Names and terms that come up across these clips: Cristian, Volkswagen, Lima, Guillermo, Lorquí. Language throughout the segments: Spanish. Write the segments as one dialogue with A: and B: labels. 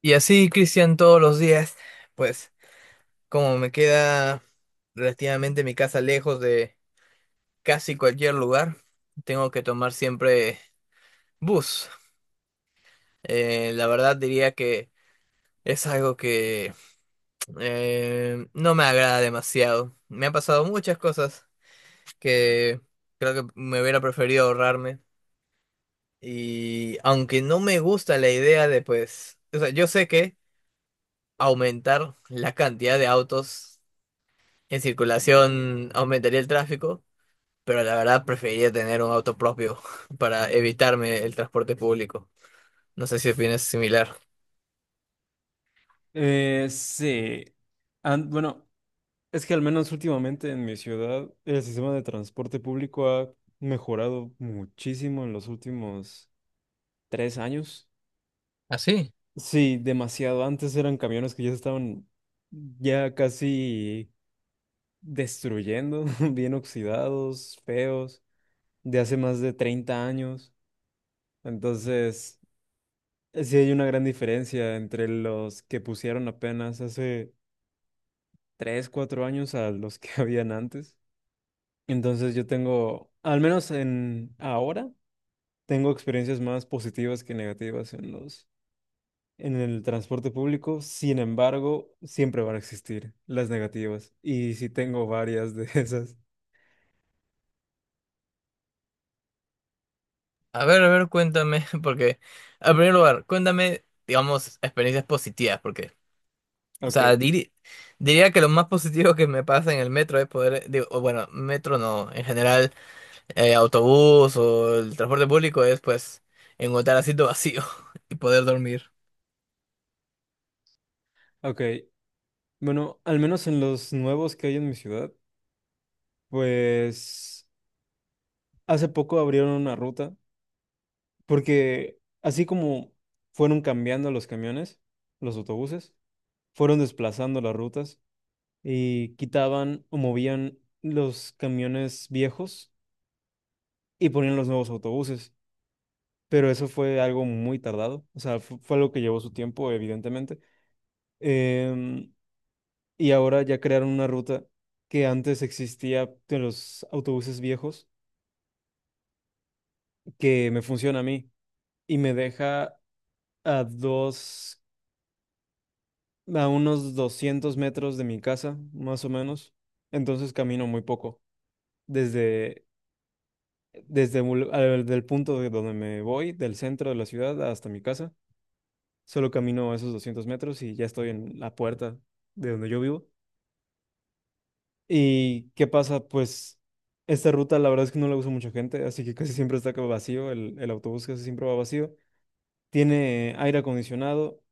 A: Y así, Cristian, todos los días, pues como me queda relativamente mi casa lejos de casi cualquier lugar, tengo que tomar siempre bus. La verdad diría que es algo que no me agrada demasiado. Me han pasado muchas cosas que creo que me hubiera preferido ahorrarme. Y aunque no me gusta la idea de, pues, o sea, yo sé que aumentar la cantidad de autos en circulación aumentaría el tráfico, pero la verdad preferiría tener un auto propio para evitarme el transporte público. No sé si opinas similar.
B: Sí. Bueno, es que al menos últimamente en mi ciudad el sistema de transporte público ha mejorado muchísimo en los últimos 3 años.
A: Así.
B: Sí, demasiado. Antes eran camiones que ya se estaban ya casi destruyendo, bien oxidados, feos, de hace más de 30 años. Entonces, sí hay una gran diferencia entre los que pusieron apenas hace 3 4 años a los que habían antes. Entonces yo tengo, al menos en ahora, tengo experiencias más positivas que negativas en el transporte público. Sin embargo, siempre van a existir las negativas. Y sí tengo varias de esas.
A: A ver, cuéntame, porque, en primer lugar, cuéntame, digamos, experiencias positivas, porque, o sea,
B: Ok,
A: diría que lo más positivo que me pasa en el metro es poder, digo, o bueno, metro no, en general, autobús o el transporte público es, pues, encontrar asiento vacío y poder dormir.
B: ok. Bueno, al menos en los nuevos que hay en mi ciudad, pues hace poco abrieron una ruta, porque así como fueron cambiando los camiones, los autobuses, fueron desplazando las rutas y quitaban o movían los camiones viejos y ponían los nuevos autobuses. Pero eso fue algo muy tardado, o sea, fue, algo que llevó su tiempo, evidentemente. Em, y ahora ya crearon una ruta que antes existía de los autobuses viejos, que me funciona a mí y me deja a dos, a unos 200 metros de mi casa, más o menos. Entonces camino muy poco desde Desde el punto de donde me voy, del centro de la ciudad hasta mi casa, solo camino esos 200 metros y ya estoy en la puerta de donde yo vivo. ¿Y qué pasa? Pues esta ruta la verdad es que no la usa mucha gente, así que casi siempre está como vacío, el autobús casi siempre va vacío. Tiene aire acondicionado,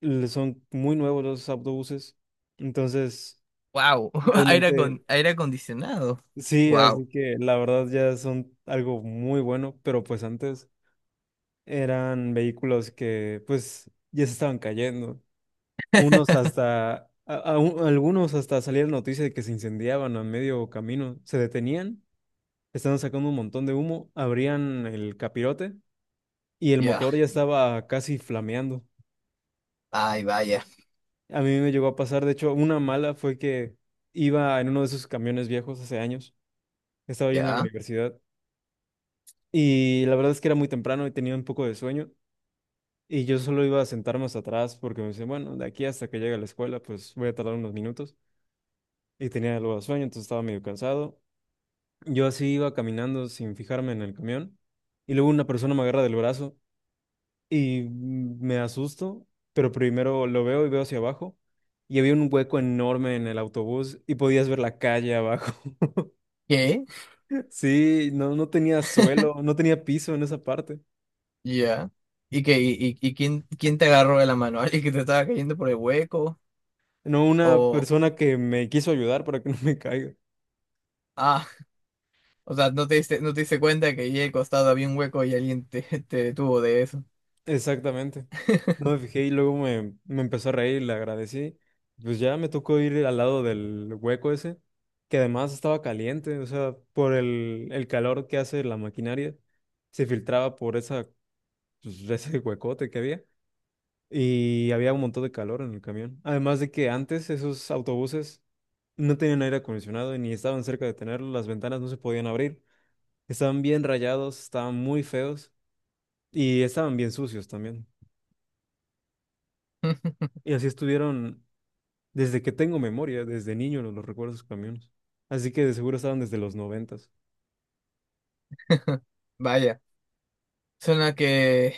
B: son muy nuevos los autobuses, entonces
A: Wow, aire,
B: realmente
A: aire acondicionado.
B: sí,
A: Wow.
B: así que la verdad ya son algo muy bueno, pero pues antes eran vehículos que pues ya se estaban cayendo. Unos hasta, a- un- Algunos hasta salía la noticia de que se incendiaban a medio camino, se detenían, estaban sacando un montón de humo, abrían el capirote y el
A: Ya.
B: motor ya estaba casi flameando.
A: Ay, vaya.
B: A mí me llegó a pasar, de hecho, una mala fue que iba en uno de esos camiones viejos hace años, estaba yendo a la
A: Ya.
B: universidad y la verdad es que era muy temprano y tenía un poco de sueño. Y yo solo iba a sentarme hasta atrás porque me decía, bueno, de aquí hasta que llegue a la escuela, pues voy a tardar unos minutos. Y tenía algo de sueño, entonces estaba medio cansado. Yo así iba caminando sin fijarme en el camión. Y luego una persona me agarra del brazo y me asusto, pero primero lo veo y veo hacia abajo. Y había un hueco enorme en el autobús y podías ver la calle abajo.
A: ¿Qué?
B: Sí, no, no tenía suelo, no tenía piso en esa parte.
A: Ya. ¿Y qué? ¿Y quién te agarró de la mano? ¿Alguien que te estaba cayendo por el hueco?
B: No, una
A: O.
B: persona que me quiso ayudar para que no me caiga.
A: Ah, o sea, no te diste cuenta que allí al costado había un hueco y alguien te, te detuvo de eso.
B: Exactamente. No me fijé y luego me empezó a reír, le agradecí. Pues ya me tocó ir al lado del hueco ese, que además estaba caliente, o sea, por el calor que hace la maquinaria, se filtraba por esa, pues, ese huecote que había y había un montón de calor en el camión. Además de que antes esos autobuses no tenían aire acondicionado y ni estaban cerca de tenerlo, las ventanas no se podían abrir, estaban bien rayados, estaban muy feos y estaban bien sucios también. Y así estuvieron. Desde que tengo memoria, desde niño los recuerdo esos camiones. Así que de seguro estaban desde los 90.
A: Vaya, suena que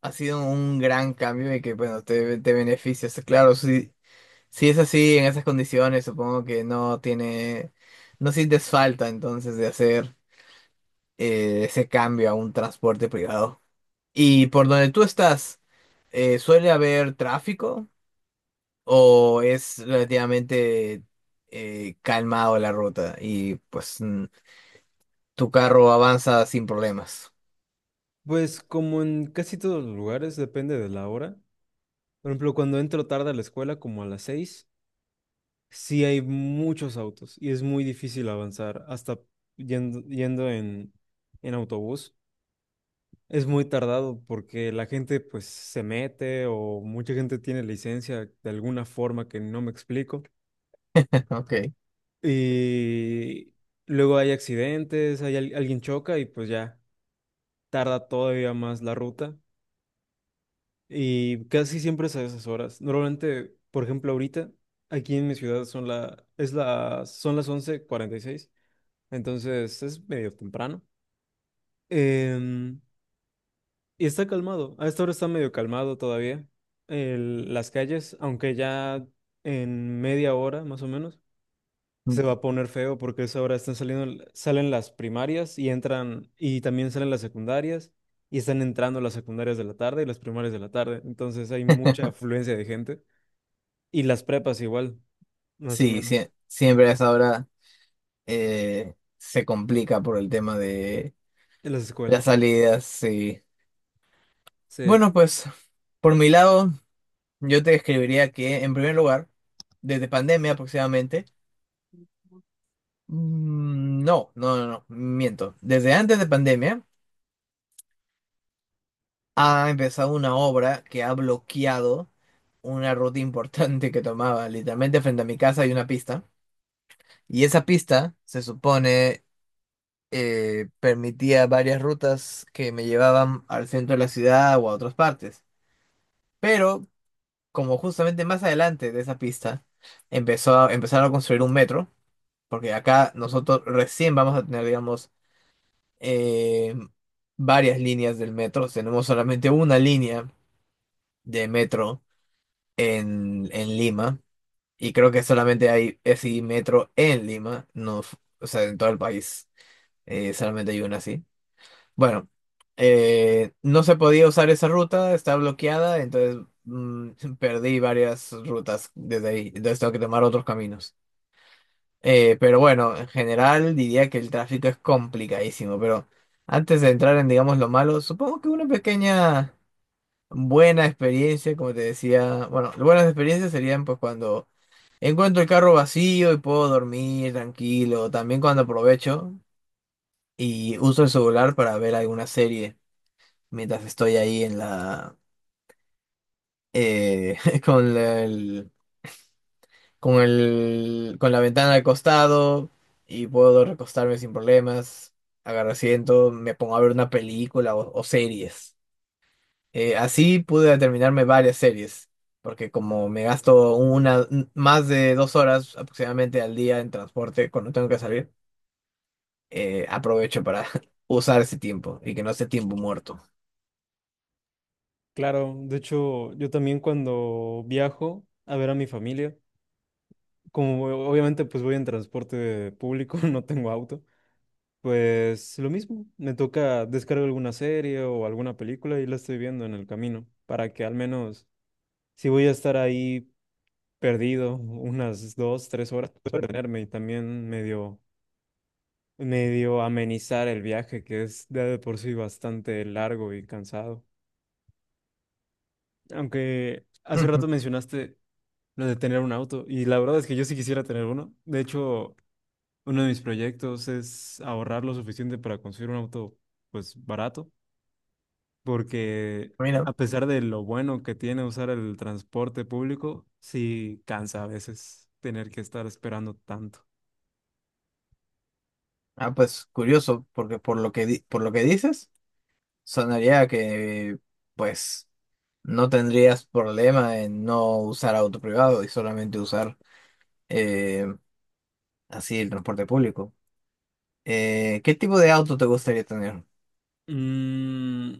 A: ha sido un gran cambio y que, bueno, te beneficias. Claro, sí. Si es así, en esas condiciones, supongo que no tiene, no sientes falta entonces de hacer ese cambio a un transporte privado. ¿Y por donde tú estás, suele haber tráfico o es relativamente calmado la ruta y pues tu carro avanza sin problemas?
B: Pues como en casi todos los lugares, depende de la hora. Por ejemplo, cuando entro tarde a la escuela, como a las 6, sí hay muchos autos y es muy difícil avanzar. Hasta yendo en autobús, es muy tardado porque la gente pues se mete o mucha gente tiene licencia de alguna forma que no me explico.
A: Ok.
B: Y luego hay accidentes, hay alguien choca y pues ya tarda todavía más la ruta y casi siempre es a esas horas. Normalmente, por ejemplo, ahorita aquí en mi ciudad son la, es la, son las 11:46 entonces es medio temprano. Em, y está calmado, a esta hora está medio calmado todavía las calles, aunque ya en media hora más o menos
A: Mm.
B: se va a poner feo porque eso ahora están saliendo, salen las primarias y entran, y también salen las secundarias, y están entrando las secundarias de la tarde y las primarias de la tarde. Entonces hay mucha afluencia de gente. Y las prepas igual, más o
A: Sí,
B: menos,
A: siempre a esa hora se complica por el tema de
B: en las
A: las
B: escuelas.
A: salidas, sí.
B: Sí,
A: Bueno, pues por mi lado, yo te escribiría que en primer lugar, desde pandemia aproximadamente, no, no, no, no, miento. Desde antes de pandemia ha empezado una obra que ha bloqueado una ruta importante que tomaba. Literalmente frente a mi casa hay una pista y esa pista se supone permitía varias rutas que me llevaban al centro de la ciudad o a otras partes. Pero como justamente más adelante de esa pista empezaron a construir un metro, porque acá nosotros recién vamos a tener, digamos, eh, varias líneas del metro. Tenemos solamente una línea de metro en Lima, y creo que solamente hay ese metro en Lima, no, o sea, en todo el país, solamente hay una así. Bueno, no se podía usar esa ruta, está bloqueada, entonces mm, perdí varias rutas desde ahí, entonces tengo que tomar otros caminos. Pero bueno, en general diría que el tráfico es complicadísimo, pero antes de entrar en, digamos, lo malo, supongo que una pequeña buena experiencia, como te decía, bueno, buenas experiencias serían pues cuando encuentro el carro vacío y puedo dormir tranquilo, también cuando aprovecho y uso el celular para ver alguna serie mientras estoy ahí en la eh, con la- el, con la ventana al costado y puedo recostarme sin problemas, agarro asiento, me pongo a ver una película o series. Así pude terminarme varias series, porque como me gasto una más de 2 horas aproximadamente al día en transporte cuando tengo que salir, aprovecho para usar ese tiempo y que no sea tiempo muerto.
B: claro. De hecho, yo también cuando viajo a ver a mi familia, como obviamente pues voy en transporte público, no tengo auto. Pues lo mismo, me toca descargar alguna serie o alguna película y la estoy viendo en el camino, para que al menos si voy a estar ahí perdido unas 2, 3 horas, pueda detenerme y también medio amenizar el viaje, que es de por sí bastante largo y cansado. Aunque hace rato mencionaste lo de tener un auto y la verdad es que yo sí quisiera tener uno. De hecho, uno de mis proyectos es ahorrar lo suficiente para conseguir un auto pues barato porque
A: Mira.
B: a pesar de lo bueno que tiene usar el transporte público, sí cansa a veces tener que estar esperando tanto.
A: Ah, pues curioso, porque por lo que, por lo que dices, sonaría que pues no tendrías problema en no usar auto privado y solamente usar eh, así el transporte público. ¿Qué tipo de auto te gustaría tener?
B: Mm,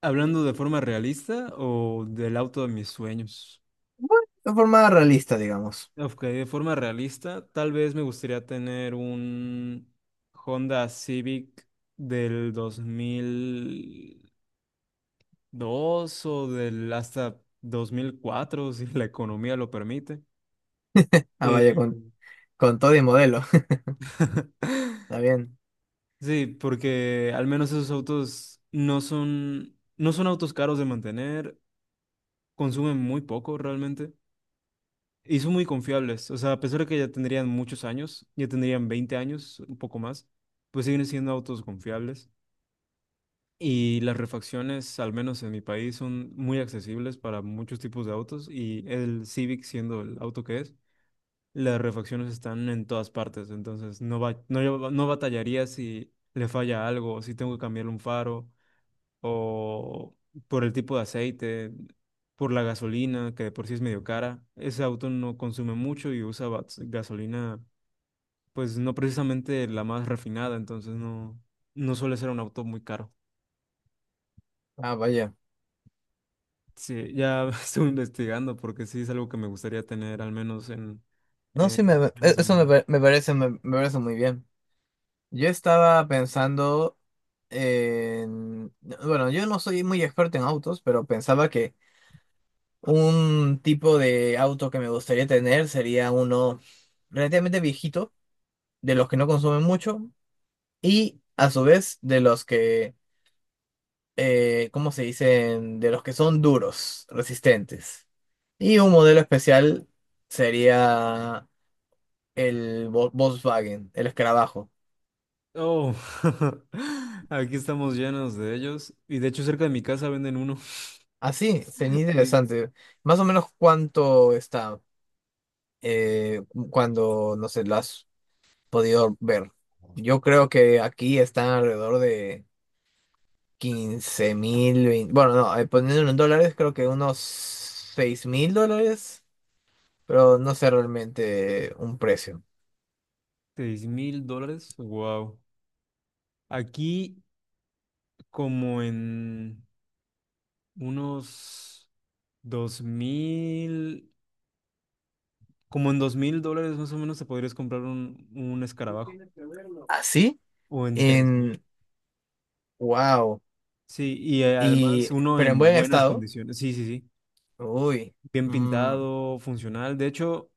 B: hablando de forma realista o del auto de mis sueños.
A: Bueno, de forma realista, digamos.
B: Ok, de forma realista, tal vez me gustaría tener un Honda Civic del 2002 o del hasta 2004 si la economía lo permite.
A: Ah, vaya, con,
B: Eh,
A: con todo y modelo. Está bien.
B: Sí, porque al menos esos autos no son autos caros de mantener, consumen muy poco realmente y son muy confiables. O sea, a pesar de que ya tendrían muchos años, ya tendrían 20 años, un poco más, pues siguen siendo autos confiables. Y las refacciones, al menos en mi país, son muy accesibles para muchos tipos de autos y el Civic siendo el auto que es, las refacciones están en todas partes, entonces no va, no, no batallaría si le falla algo, si tengo que cambiarle un faro o por el tipo de aceite, por la gasolina, que de por sí es medio cara. Ese auto no consume mucho y usa gasolina, pues no precisamente la más refinada, entonces no suele ser un auto muy caro.
A: Ah, vaya.
B: Sí, ya estoy investigando porque sí es algo que me gustaría tener al menos
A: No, sí,
B: en menos de un
A: eso me,
B: año.
A: pa- me parece, me parece muy bien. Yo estaba pensando en. Bueno, yo no soy muy experto en autos, pero pensaba que un tipo de auto que me gustaría tener sería uno relativamente viejito, de los que no consumen mucho y a su vez de los que, ¿cómo se dicen? De los que son duros, resistentes. Y un modelo especial sería el Volkswagen, el escarabajo.
B: Oh, aquí estamos llenos de ellos y de hecho cerca de mi casa venden uno.
A: Así, sería
B: Sí,
A: interesante. ¿Más o menos cuánto está eh, cuando, no sé, lo has podido ver? Yo creo que aquí están alrededor de 15.000, 20. Bueno, no, poniéndolo en dólares, creo que unos $6.000, pero no sé realmente un precio.
B: $6000. Wow. Aquí como en unos dos mil, como en $2000 más o menos te podrías comprar un escarabajo.
A: Así,
B: O en 3000.
A: en, wow.
B: Sí, y además uno
A: Pero en
B: en
A: buen
B: buenas
A: estado.
B: condiciones. Sí, sí, sí.
A: Uy.
B: Bien
A: mm,
B: pintado, funcional. De hecho,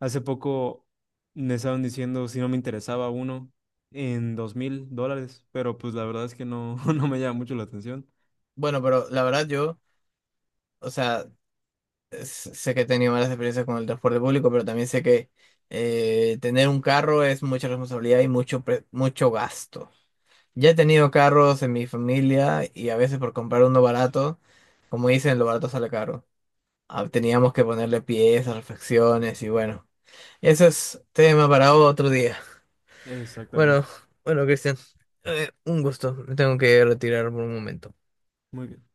B: hace poco me estaban diciendo si no me interesaba uno en $2000, pero pues la verdad es que no, no me llama mucho la atención.
A: bueno, pero la verdad yo, o sea. Sé que he tenido malas experiencias con el transporte público, pero también sé que tener un carro es mucha responsabilidad y mucho, mucho gasto. Ya he tenido carros en mi familia y a veces por comprar uno barato, como dicen, lo barato sale caro. Ah, teníamos que ponerle piezas, refacciones y bueno, eso es tema para otro día.
B: Exactamente.
A: Bueno, bueno, Cristian, un gusto. Me tengo que retirar por un momento.
B: Muy bien.